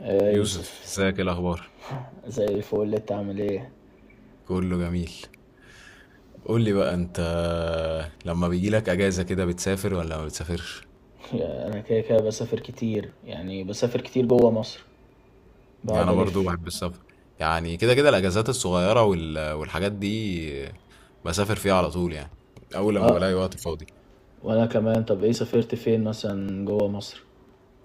آه، يوسف، يوسف. ازيك؟ ايه الاخبار؟ زي الفل، انت عامل ايه؟ كله جميل. قول لي بقى انت، لما بيجي لك اجازه كده بتسافر ولا ما بتسافرش؟ انا كده كده بسافر كتير، يعني بسافر كتير جوه مصر. يعني بقعد انا برضو الف. بحب السفر. يعني كده كده الاجازات الصغيره والحاجات دي بسافر فيها على طول، يعني اول لما اه، بلاقي وقت فاضي. وانا كمان. طب ايه سافرت فين مثلا جوه مصر؟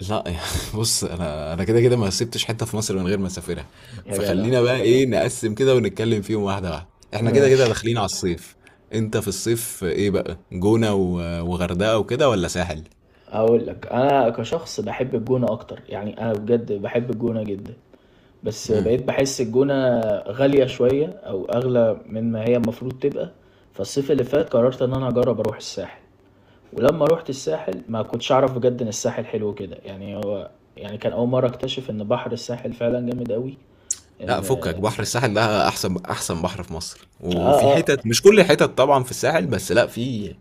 لا يعني. بص، انا كده كده ما سبتش حته في مصر من غير ما اسافرها. يا جدع. فخلينا بقى ايه، نقسم كده ونتكلم فيهم واحده واحده. احنا كده كده ماشي. داخلين على الصيف. انت في الصيف ايه بقى، جونه وغردقه وكده ولا ساحل؟ اقول لك، انا كشخص بحب الجونة اكتر، يعني انا بجد بحب الجونة جدا. بس آه. بقيت بحس الجونة غالية شوية او اغلى من ما هي المفروض تبقى. فالصيف اللي فات قررت ان انا اجرب اروح الساحل، ولما روحت الساحل ما كنتش اعرف بجد ان الساحل حلو كده. يعني هو يعني كان اول مره اكتشف ان بحر الساحل فعلا جامد قوي. لا، ان فكك، اه. بحر الساحل ده احسن احسن بحر في مصر، اه. وفي اه. حتت، مش كل الحتت طبعا في الساحل، بس لا، في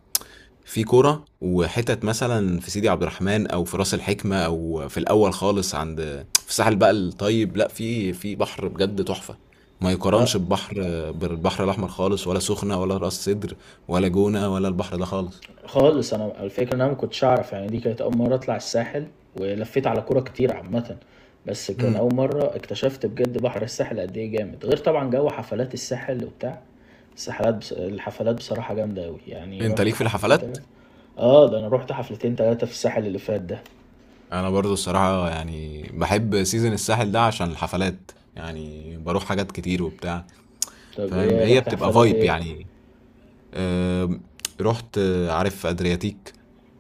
في كرة وحتت مثلا في سيدي عبد الرحمن او في راس الحكمة او في الاول خالص، عند في الساحل بقى الطيب، لا في بحر بجد تحفة، ما آه. يقارنش ببحر، بالبحر الاحمر خالص، ولا سخنة، ولا راس سدر، ولا جونة، ولا البحر ده خالص. خالص، انا الفكره ان انا ما كنتش اعرف، يعني دي كانت اول مره اطلع الساحل ولفيت على كوره كتير عامه. بس كان امم. اول مره اكتشفت بجد بحر الساحل قد ايه جامد، غير طبعا جو حفلات الساحل وبتاع الساحلات. الحفلات بصراحه جامده قوي، يعني انت رحت ليك في حفلتين الحفلات؟ تلاتة. اه، ده انا رحت حفلتين تلاتة في الساحل اللي فات ده. انا برضو الصراحة، يعني بحب سيزن الساحل ده عشان الحفلات، يعني بروح حاجات كتير وبتاع، طب فاهم؟ ايه هي رحت بتبقى حفلات فايب ايه؟ يعني. آم، رحت، عارف ادرياتيك؟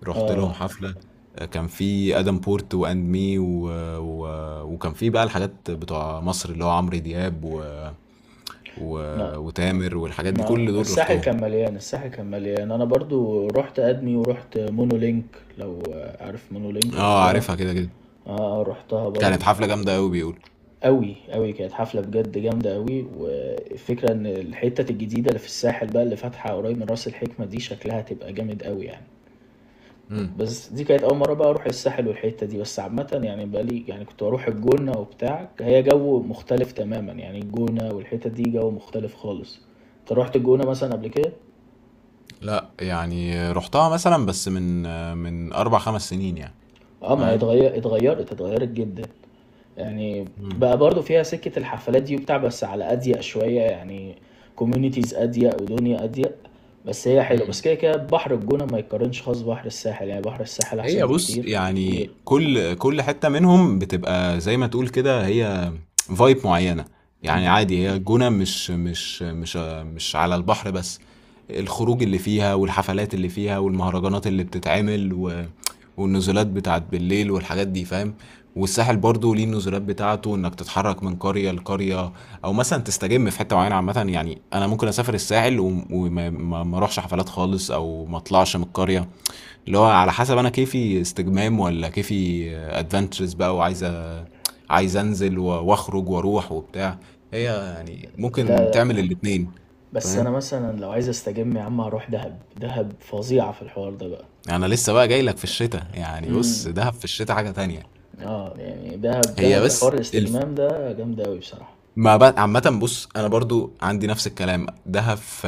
رحت لهم آه. حفلة. كان في ادم بورت واند مي و... وكان في بقى الحاجات بتوع مصر اللي هو عمرو دياب و... ما وتامر والحاجات دي، ما كل دول الساحل رحتهم. كان مليان، الساحل كان مليان. أنا برضو رُحت أدمي ورُحت مونولينك، لو عارف مونولينك، اه، رُحتها. عارفها كده كده. آه، رُحتها برضو. كانت حفلة جامدة قوي بيقول. أوي، أوي، كانت حفلة بجد جامدة أوي. والفكرة إن الحتت الجديدة اللي في الساحل بقى، اللي فاتحة قريب من راس الحكمة، دي شكلها هتبقى جامد أوي يعني. امم. بس دي كانت أول مرة بقى أروح الساحل والحتة دي بس عامة، يعني بقى لي يعني كنت بروح الجونة وبتاع، هي جو مختلف تماما، يعني الجونة والحتة دي جو مختلف خالص. أنت روحت الجونة مثلا قبل كده؟ لا يعني، رحتها مثلا بس من اربع خمس سنين يعني، اه، ما هي فاهم؟ اتغيرت اتغيرت جدا يعني. بقى برضو فيها سكة الحفلات دي وبتاع، بس على أضيق شوية يعني، كوميونيتيز أضيق ودنيا أضيق. بس هي حلوة، بس امم. كده كده بحر الجونة ما يتقارنش خالص بحر الساحل، يعني بحر الساحل هي، أحسن بص، بكتير بكتير. يعني كل حتة منهم بتبقى زي ما تقول كده، هي فايب معينة. يعني عادي، هي الجونة مش على البحر بس، الخروج اللي فيها والحفلات اللي فيها والمهرجانات اللي بتتعمل والنزولات بتاعت بالليل والحاجات دي، فاهم؟ والساحل برضو ليه النزولات بتاعته، انك تتحرك من قرية لقرية او مثلا تستجم في حتة معينة. عامة يعني انا ممكن اسافر الساحل وم- وما ما- ما اروحش حفلات خالص، او ما اطلعش من القرية، اللي هو على حسب انا، كيفي استجمام ولا كيفي ادفنتشرز بقى، وعايز عايز انزل واخرج واروح وبتاع. هي يعني ممكن تعمل الاتنين. بس أنا فاهم؟ مثلًا لو عايز أستجم يا عم هاروح دهب، دهب فظيعة في الحوار ده بقى. انا لسه بقى جاي لك في الشتاء، يعني إمم. بص، دهب في الشتاء حاجة تانية. آه، يعني دهب هي دهب في حوار بس الاستجمام ده جامدة أوي بصراحة. ما بقى. عامة بُص، أنا برضه عندي نفس الكلام، دهب ف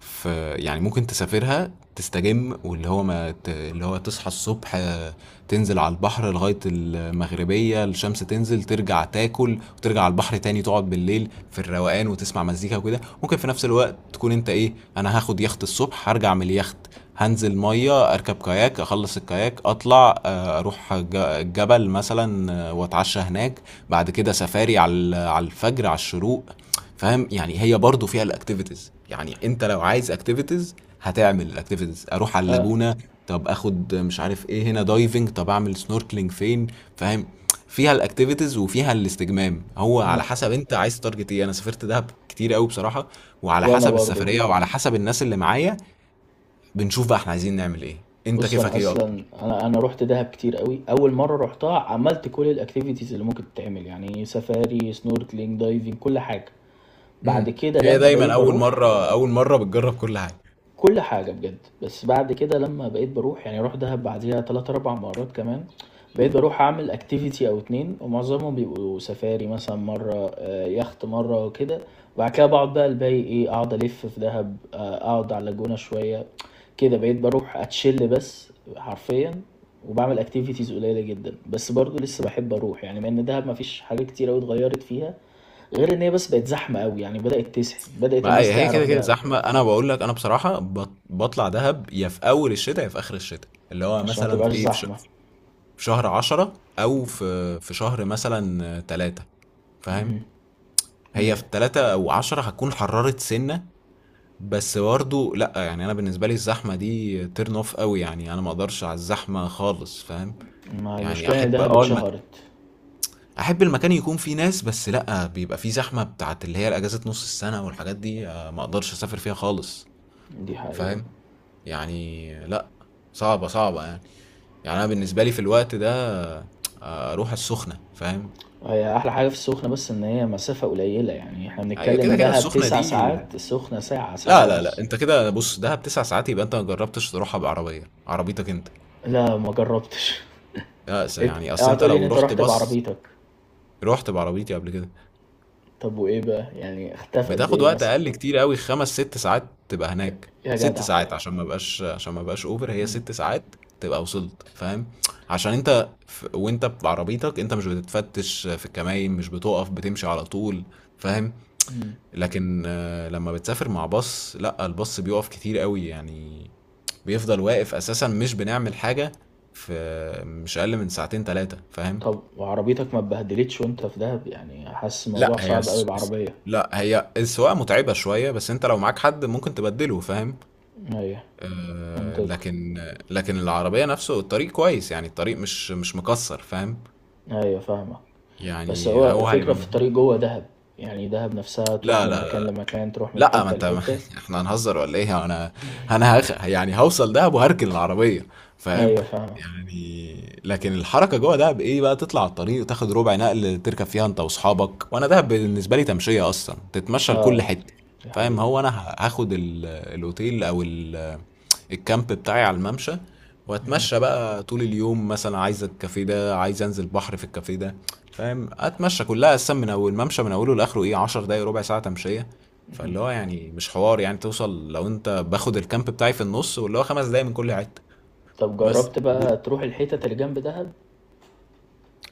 ف يعني ممكن تسافرها تستجم، واللي هو ما ت اللي هو تصحى الصبح، تنزل على البحر لغاية المغربية، الشمس تنزل، ترجع تاكل وترجع على البحر تاني، تقعد بالليل في الروقان وتسمع مزيكا وكده. ممكن في نفس الوقت تكون أنت، إيه، أنا هاخد يخت الصبح، هارجع من اليخت، هانزل مَيّة، أركب كاياك، أخلّص الكاياك، أطلع، أروح جبل مثلًا، وأتعشى هناك، بعد كده سفاري على على الفجر على الشروق. فاهم؟ يعني هي برضو فيها الاكتيفيتيز. يعني انت لو عايز اكتيفيتيز هتعمل الاكتيفيتيز. اروح على آه. اللاجونة، طب اخد مش عارف ايه هنا دايفنج، طب اعمل سنوركلينج فين، فاهم؟ فيها الاكتيفيتيز وفيها الاستجمام، هو على ما. حسب انت عايز تارجت ايه. انا سافرت دهب كتير قوي بصراحة، وعلى وأنا حسب برضه. السفرية وعلى حسب الناس اللي معايا، بنشوف بقى احنا عايزين نعمل ايه. انت بُص، أنا كيفك ايه أصلًا اكتر؟ أنا رُحت دهب كتير أوي. أول مرّة رُحتها عملت كل الactivities اللي ممكن تتعمل، يعني سفاري، snorkeling، diving، كل حاجة. امم. بعد كده هي لمّا دايما بقيت اول باروح مرة اول مرة بتجرب كل حاجة. كل حاجة بجد. بس بعد كده لمّا بقيت باروح، يعني أروح دهب بعديها 3، 4 مرات كمان، بقيت باروح أعمل activity أو 2، ومعظمهم بيبقوا سفاري مثلًا مرة، يخت مرة كده. وبعد كده باقعد بقى الباقي إيه، أقعد ألِف في دهب، آه، أقعد على اللاجونة شوية. كده بقيت باروح أتشِل بس حرفيًا، وباعمل activities قليلة جدًا. بس برضه لسه باحب أروح، يعني مع إن دهب ما فيش حاجات كتير أوي اتغيّرت فيها، غير إن هي بس بقت زحمة أوي، يعني بدأت تزحم، بدأت ما الناس هي، كده تعرف كده دهب. زحمه. انا بقول لك انا بصراحه بطلع دهب يا في اول الشتاء يا في اخر الشتاء، اللي هو عشان ما مثلا تبقاش في، ايه، زحمة. في شهر عشرة، او في شهر مثلا تلاتة، فاهم؟ هي ايوه. في تلاتة او عشرة هتكون حررت سنه. بس برضه، لا يعني، انا بالنسبه لي الزحمه دي تيرن اوف قوي، يعني انا ما اقدرش على الزحمه خالص، فاهم؟ ما هي يعني المشكلة ان احب، دهب اتشهرت. احب المكان يكون فيه ناس، بس لا بيبقى فيه زحمه بتاعت اللي هي الاجازه نص السنه والحاجات دي، ما اقدرش اسافر فيها خالص. دي حقيقة. فاهم؟ يعني لأ، صعبة، صعبة يعني. يعني أنا بالنسبة لي في الوقت ده، أروح السخنة، فاهم؟ هي أحلى حاجة في السخنة بس إن هي مسافة قليلة، يعني احنا هي بنتكلم كده، كده دهب السخنة تسع دي. ساعات، السخنة ساعة ساعة لا، لا، لأ، ونص. أنت كده بُص، دهب 9 ساعات يبقى أنت ما جرّبتش تروحها بعربية، عربيتك أنت. لا، ما جربتش. لأ، يعني أصل اوعى أنت تقولي إن لو أنت رُحت رحت bus... بعربيتك. رُحت بعربيتي قبل كده. طب وإيه بقى، يعني اختفى قد بتاخد إيه وقت مثلا؟ اقل كتير قوي، خمس ست ساعات. تبقى يا. هناك يا ست جدع. ساعات، عشان ما بقاش اوفر، هي ست ساعات تبقى وصلت، فاهم؟ عشان انت وانت بعربيتك انت مش بتتفتش في الكماين، مش بتقف، بتمشي على طول، فاهم؟ مم. لكن لما بتسافر مع باص، لا، الباص بيقف كتير قوي يعني، بيفضل واقف اساسا، مش بنعمل حاجة. في مش اقل من ساعتين ثلاثة، فاهم؟ طب وعربيتك ما اتبهدلتش وأنت في دهب؟ يعني حاسس لا الموضوع هي صعب أوي الس- الس- بعربية. لا هي السواقة متعبة شوية، بس انت لو معاك حد ممكن تبدله، فاهم؟ أيوة. آه، منطقي. لكن لكن العربية نفسه الطريق كويس، يعني الطريق مش مكسر، فاهم؟ أيوة، فاهمك. بس يعني هو هو الفكرة هيبقى في الطريق مجهود. جوه دهب، يعني دهب نفسها تروح لا، من لا، مكان لا، لمكان، تروح من لا، ما حتة انت ما لحتة. احنا هنهزر ولا ايه، انا يعني هوصل دهب وهركن العربية، فاهم؟ ايوه فاهمة. يعني، لكن الحركة جوه دهب، ايه بقى، تطلع على الطريق وتاخد ربع نقل تركب فيها انت واصحابك. وانا دهب بالنسبة لي تمشية اصلا، تتمشى لكل اه، حتة. دي فاهم؟ حقيقة. هو انا هاخد الاوتيل او الكامب بتاعي على الممشى، واتمشى بقى طول اليوم، مثلا عايز الكافيه ده، عايز انزل بحر في الكافيه ده، فاهم؟ اتمشى كلها اصلا من اول الممشى من اوله لاخره، ايه، 10 دقايق ربع ساعه تمشيه. فاللي هو يعني مش حوار، يعني توصل لو انت باخد الكامب بتاعي في النص، واللي هو خمس دقايق من كل حته. طب بس، جربت بقى تروح الحتت اللي جنب دهب؟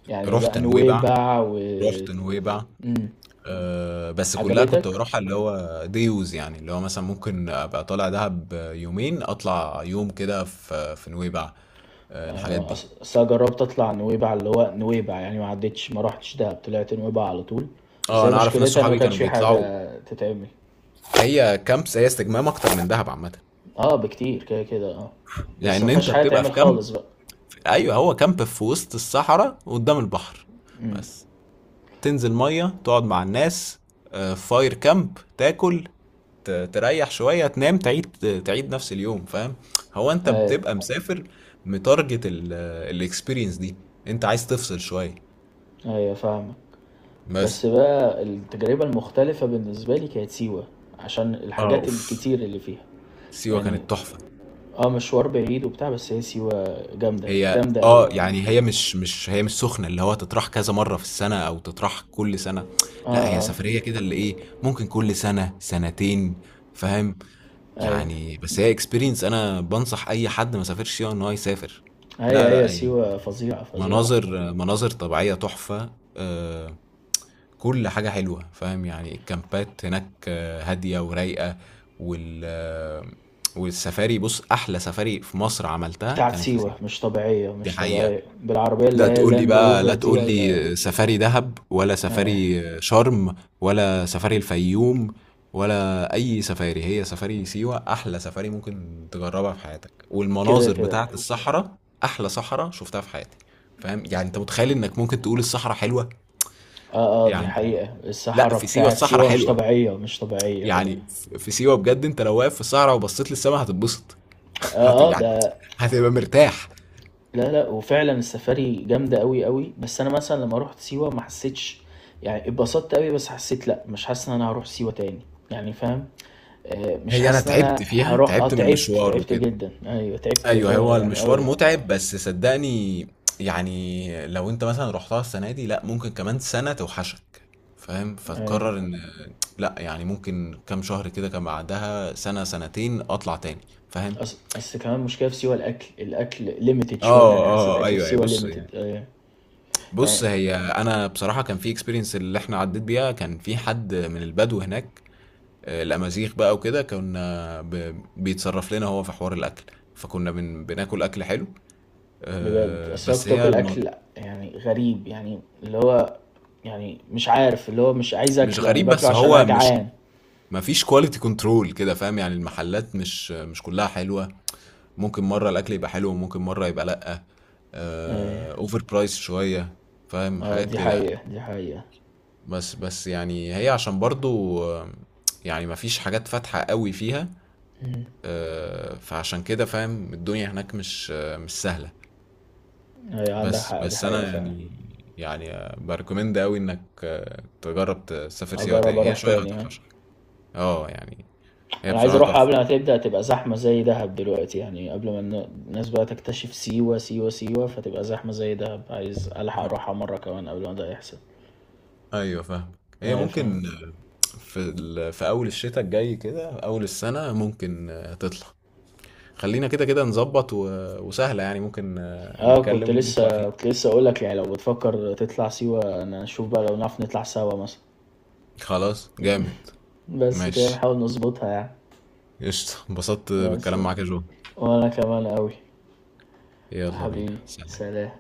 يعني بقى رحت نويبع، نويبع و. رحت نويبع. مم. أه، بس كلها كنت عجبتك. بروحها اللي هو ديوز، يعني اللي هو مثلا ممكن ابقى طالع دهب يومين، اطلع يوم كده في نويبع. آه، الحاجات آه، دي. أصل أنا جربت أطلع نويبع، اللي هو نويبع يعني ما عدتش، ما رحتش دهب، طلعت نويبع على طول. بس اه، هي انا اعرف ناس مشكلتها إن ما صحابي كانش كانوا في بيطلعوا. حاجة تتعمل. هي كامبس، هي استجمام اكتر من دهب عامه. اه، بكتير كده كده، اه. بس ما لان فيهاش انت حاجة بتبقى تعمل في كامب. خالص بقى. ايوه، هو كامب في وسط الصحراء قدام البحر. امم. بس تنزل ميه، تقعد مع الناس، فاير كامب، تاكل، تريح شويه، تنام، تعيد نفس اليوم، فاهم؟ هو انت ايوه. بتبقى مسافر، متارجت الاكسبيرينس دي، انت عايز تفصل شويه. ايوه فاهمك. بس، بس بقى التجربة المختلفة بالنسبة لي كانت سيوة، عشان اه، الحاجات اوف، الكتير اللي فيها سيوه يعني. كانت تحفه. اه، مشوار بعيد وبتاع، بس هي سيوة جامدة هي جامدة قوي. يعني، هي مش مش هي مش سخنه اللي هو تطرح كذا مره في السنه او تطرح كل سنه. اه. لا، هي اه. سفريه كده اللي ايه، ممكن كل سنه سنتين، فاهم؟ اي. يعني بس هي اكسبيرينس، انا بنصح اي حد ما سافرش فيها ان هو يسافر. هي لا، لا، هي اي، سيوة فظيعة فظيعة. مناظر طبيعيه تحفه، آه، كل حاجه حلوه، فاهم؟ يعني الكامبات هناك، هاديه ورايقه، وال آه، والسفاري، بص احلى سفاري في مصر عملتها بتاعت كانت في سيوة سيوه. مش طبيعية دي مش حقيقه. طبيعية، بالعربية اللي هي اللاند لا روفر دي تقول ولا. لي سفاري دهب ولا آه. سفاري شرم ولا سفاري الفيوم ولا اي سفاري، هي سفاري سيوة احلى سفاري ممكن تجربها في حياتك، كده والمناظر كده. بتاعت الصحراء احلى صحراء شفتها في حياتي. فاهم؟ يعني انت متخيل انك ممكن تقول الصحراء حلوة؟ اه، اه، دي يعني حقيقة، لا، الصحراء في سيوة بتاعت الصحراء سيوة مش حلوة طبيعية مش طبيعية. يعني. في سيوة بجد انت لو واقف في الصحراء وبصيت للسماء هتتبسط. اه اه يعني ده. هتبقى مرتاح. لا، لأ، وفعلًا السفاري جامدة أوي، أوي. بس أنا مثلًا لمّا رُحت سيوة ما حسيتش، يعني اتبسطت أوي بس حسيت لأ، مش حاسس إن أنا هاروح سيوة تاني، يعني فاهم. مش هي انا حاسس إن تعبت أنا فيها، هاروح. آه، تعبت من تعبت، المشوار تعبت وكده. جدًا، أيوه تعبت، ف أيوه، هو يعني المشوار أوي. متعب، بس صدّقني يعني، لو أنت مثلًا رُحتها السنة دي، لأ، ممكن كمان سنة توحشك، فاهم؟ أيوه. فتقرر إن لأ، يعني ممكن كام شهر كده كان، بعدها سنة، سنتين أطلع تاني، فاهم؟ أصل كمان المشكلة في سيوة الأكل، الأكل limited شوية، آه، يعني حسيت آه، الأكل في أيوه، أيوه، سيوة limited. أيوه. بُص، يعني هي أنا بصراحة كان في experience اللي إحنا عدّيت بيها، كان في حد من البدو هناك، الأمازيغ بقى وكده، كنا بيتصرّف لنا هو في حوار الأكل، فكنا بناكل أكل حلو. بجد، أصل أنا بس كنت هي باكل أكل يعني غريب، يعني اللي هو يعني مش عارف، اللي هو مش عايز مش آكله، يعني غريب، باكله بس عشان أنا هو مش جعان. ما فيش كواليتي كنترول كده، فاهم؟ يعني المحلات مش كلها حلوة. ممكن مرة الأكل يبقى حلو، وممكن مرة يبقى لأ. أيوه. اوفر برايس شوية، فاهم؟ اه، حاجات دي كده يعني. حقيقة، دي حقيقة. بس يعني هي، عشان برضو، يعني ما فيش حاجات فاتحة قوي فيها، مم. فعشان كده، فاهم؟ الدنيا هناك مش سهلة. هي عندك بس حق، دي بس أنا حقيقة فعلا. يعني، يعني بريكومند قوي إنك، تجرب تسافر سيوة اجرب تاني، هي اروح شوية تاني، ها. هتوحشك. اه يعني، هي انا عايز بصراحة اروح تحفة. قبل ما تبدأ تبقى زحمة زي دهب دلوقتي، يعني قبل ما الناس بقى تكتشف سيوة سيوة فتبقى زحمة زي دهب، عايز الحق اروحها مرة كمان قبل ما ده يحصل. ايوه فاهم. هي ايوه فاهم. ممكن في اول الشتاء الجاي كده، اول السنه ممكن، تطلع. خلينا كده كده نظبط وسهله يعني، ممكن اه، كنت نتكلم ونطلع لسه فيه. كنت لسه اقول لك، يعني لو بتفكر تطلع سيوة انا اشوف بقى لو نعرف نطلع سوا مثلا. خلاص، جامد، بس كده ماشي، نحاول نظبطها يعني. قشطة. انبسطت بس. بالكلام معاك يا جو. وانا كمان قوي. يلا بينا، حبيبي. سلام. سلام.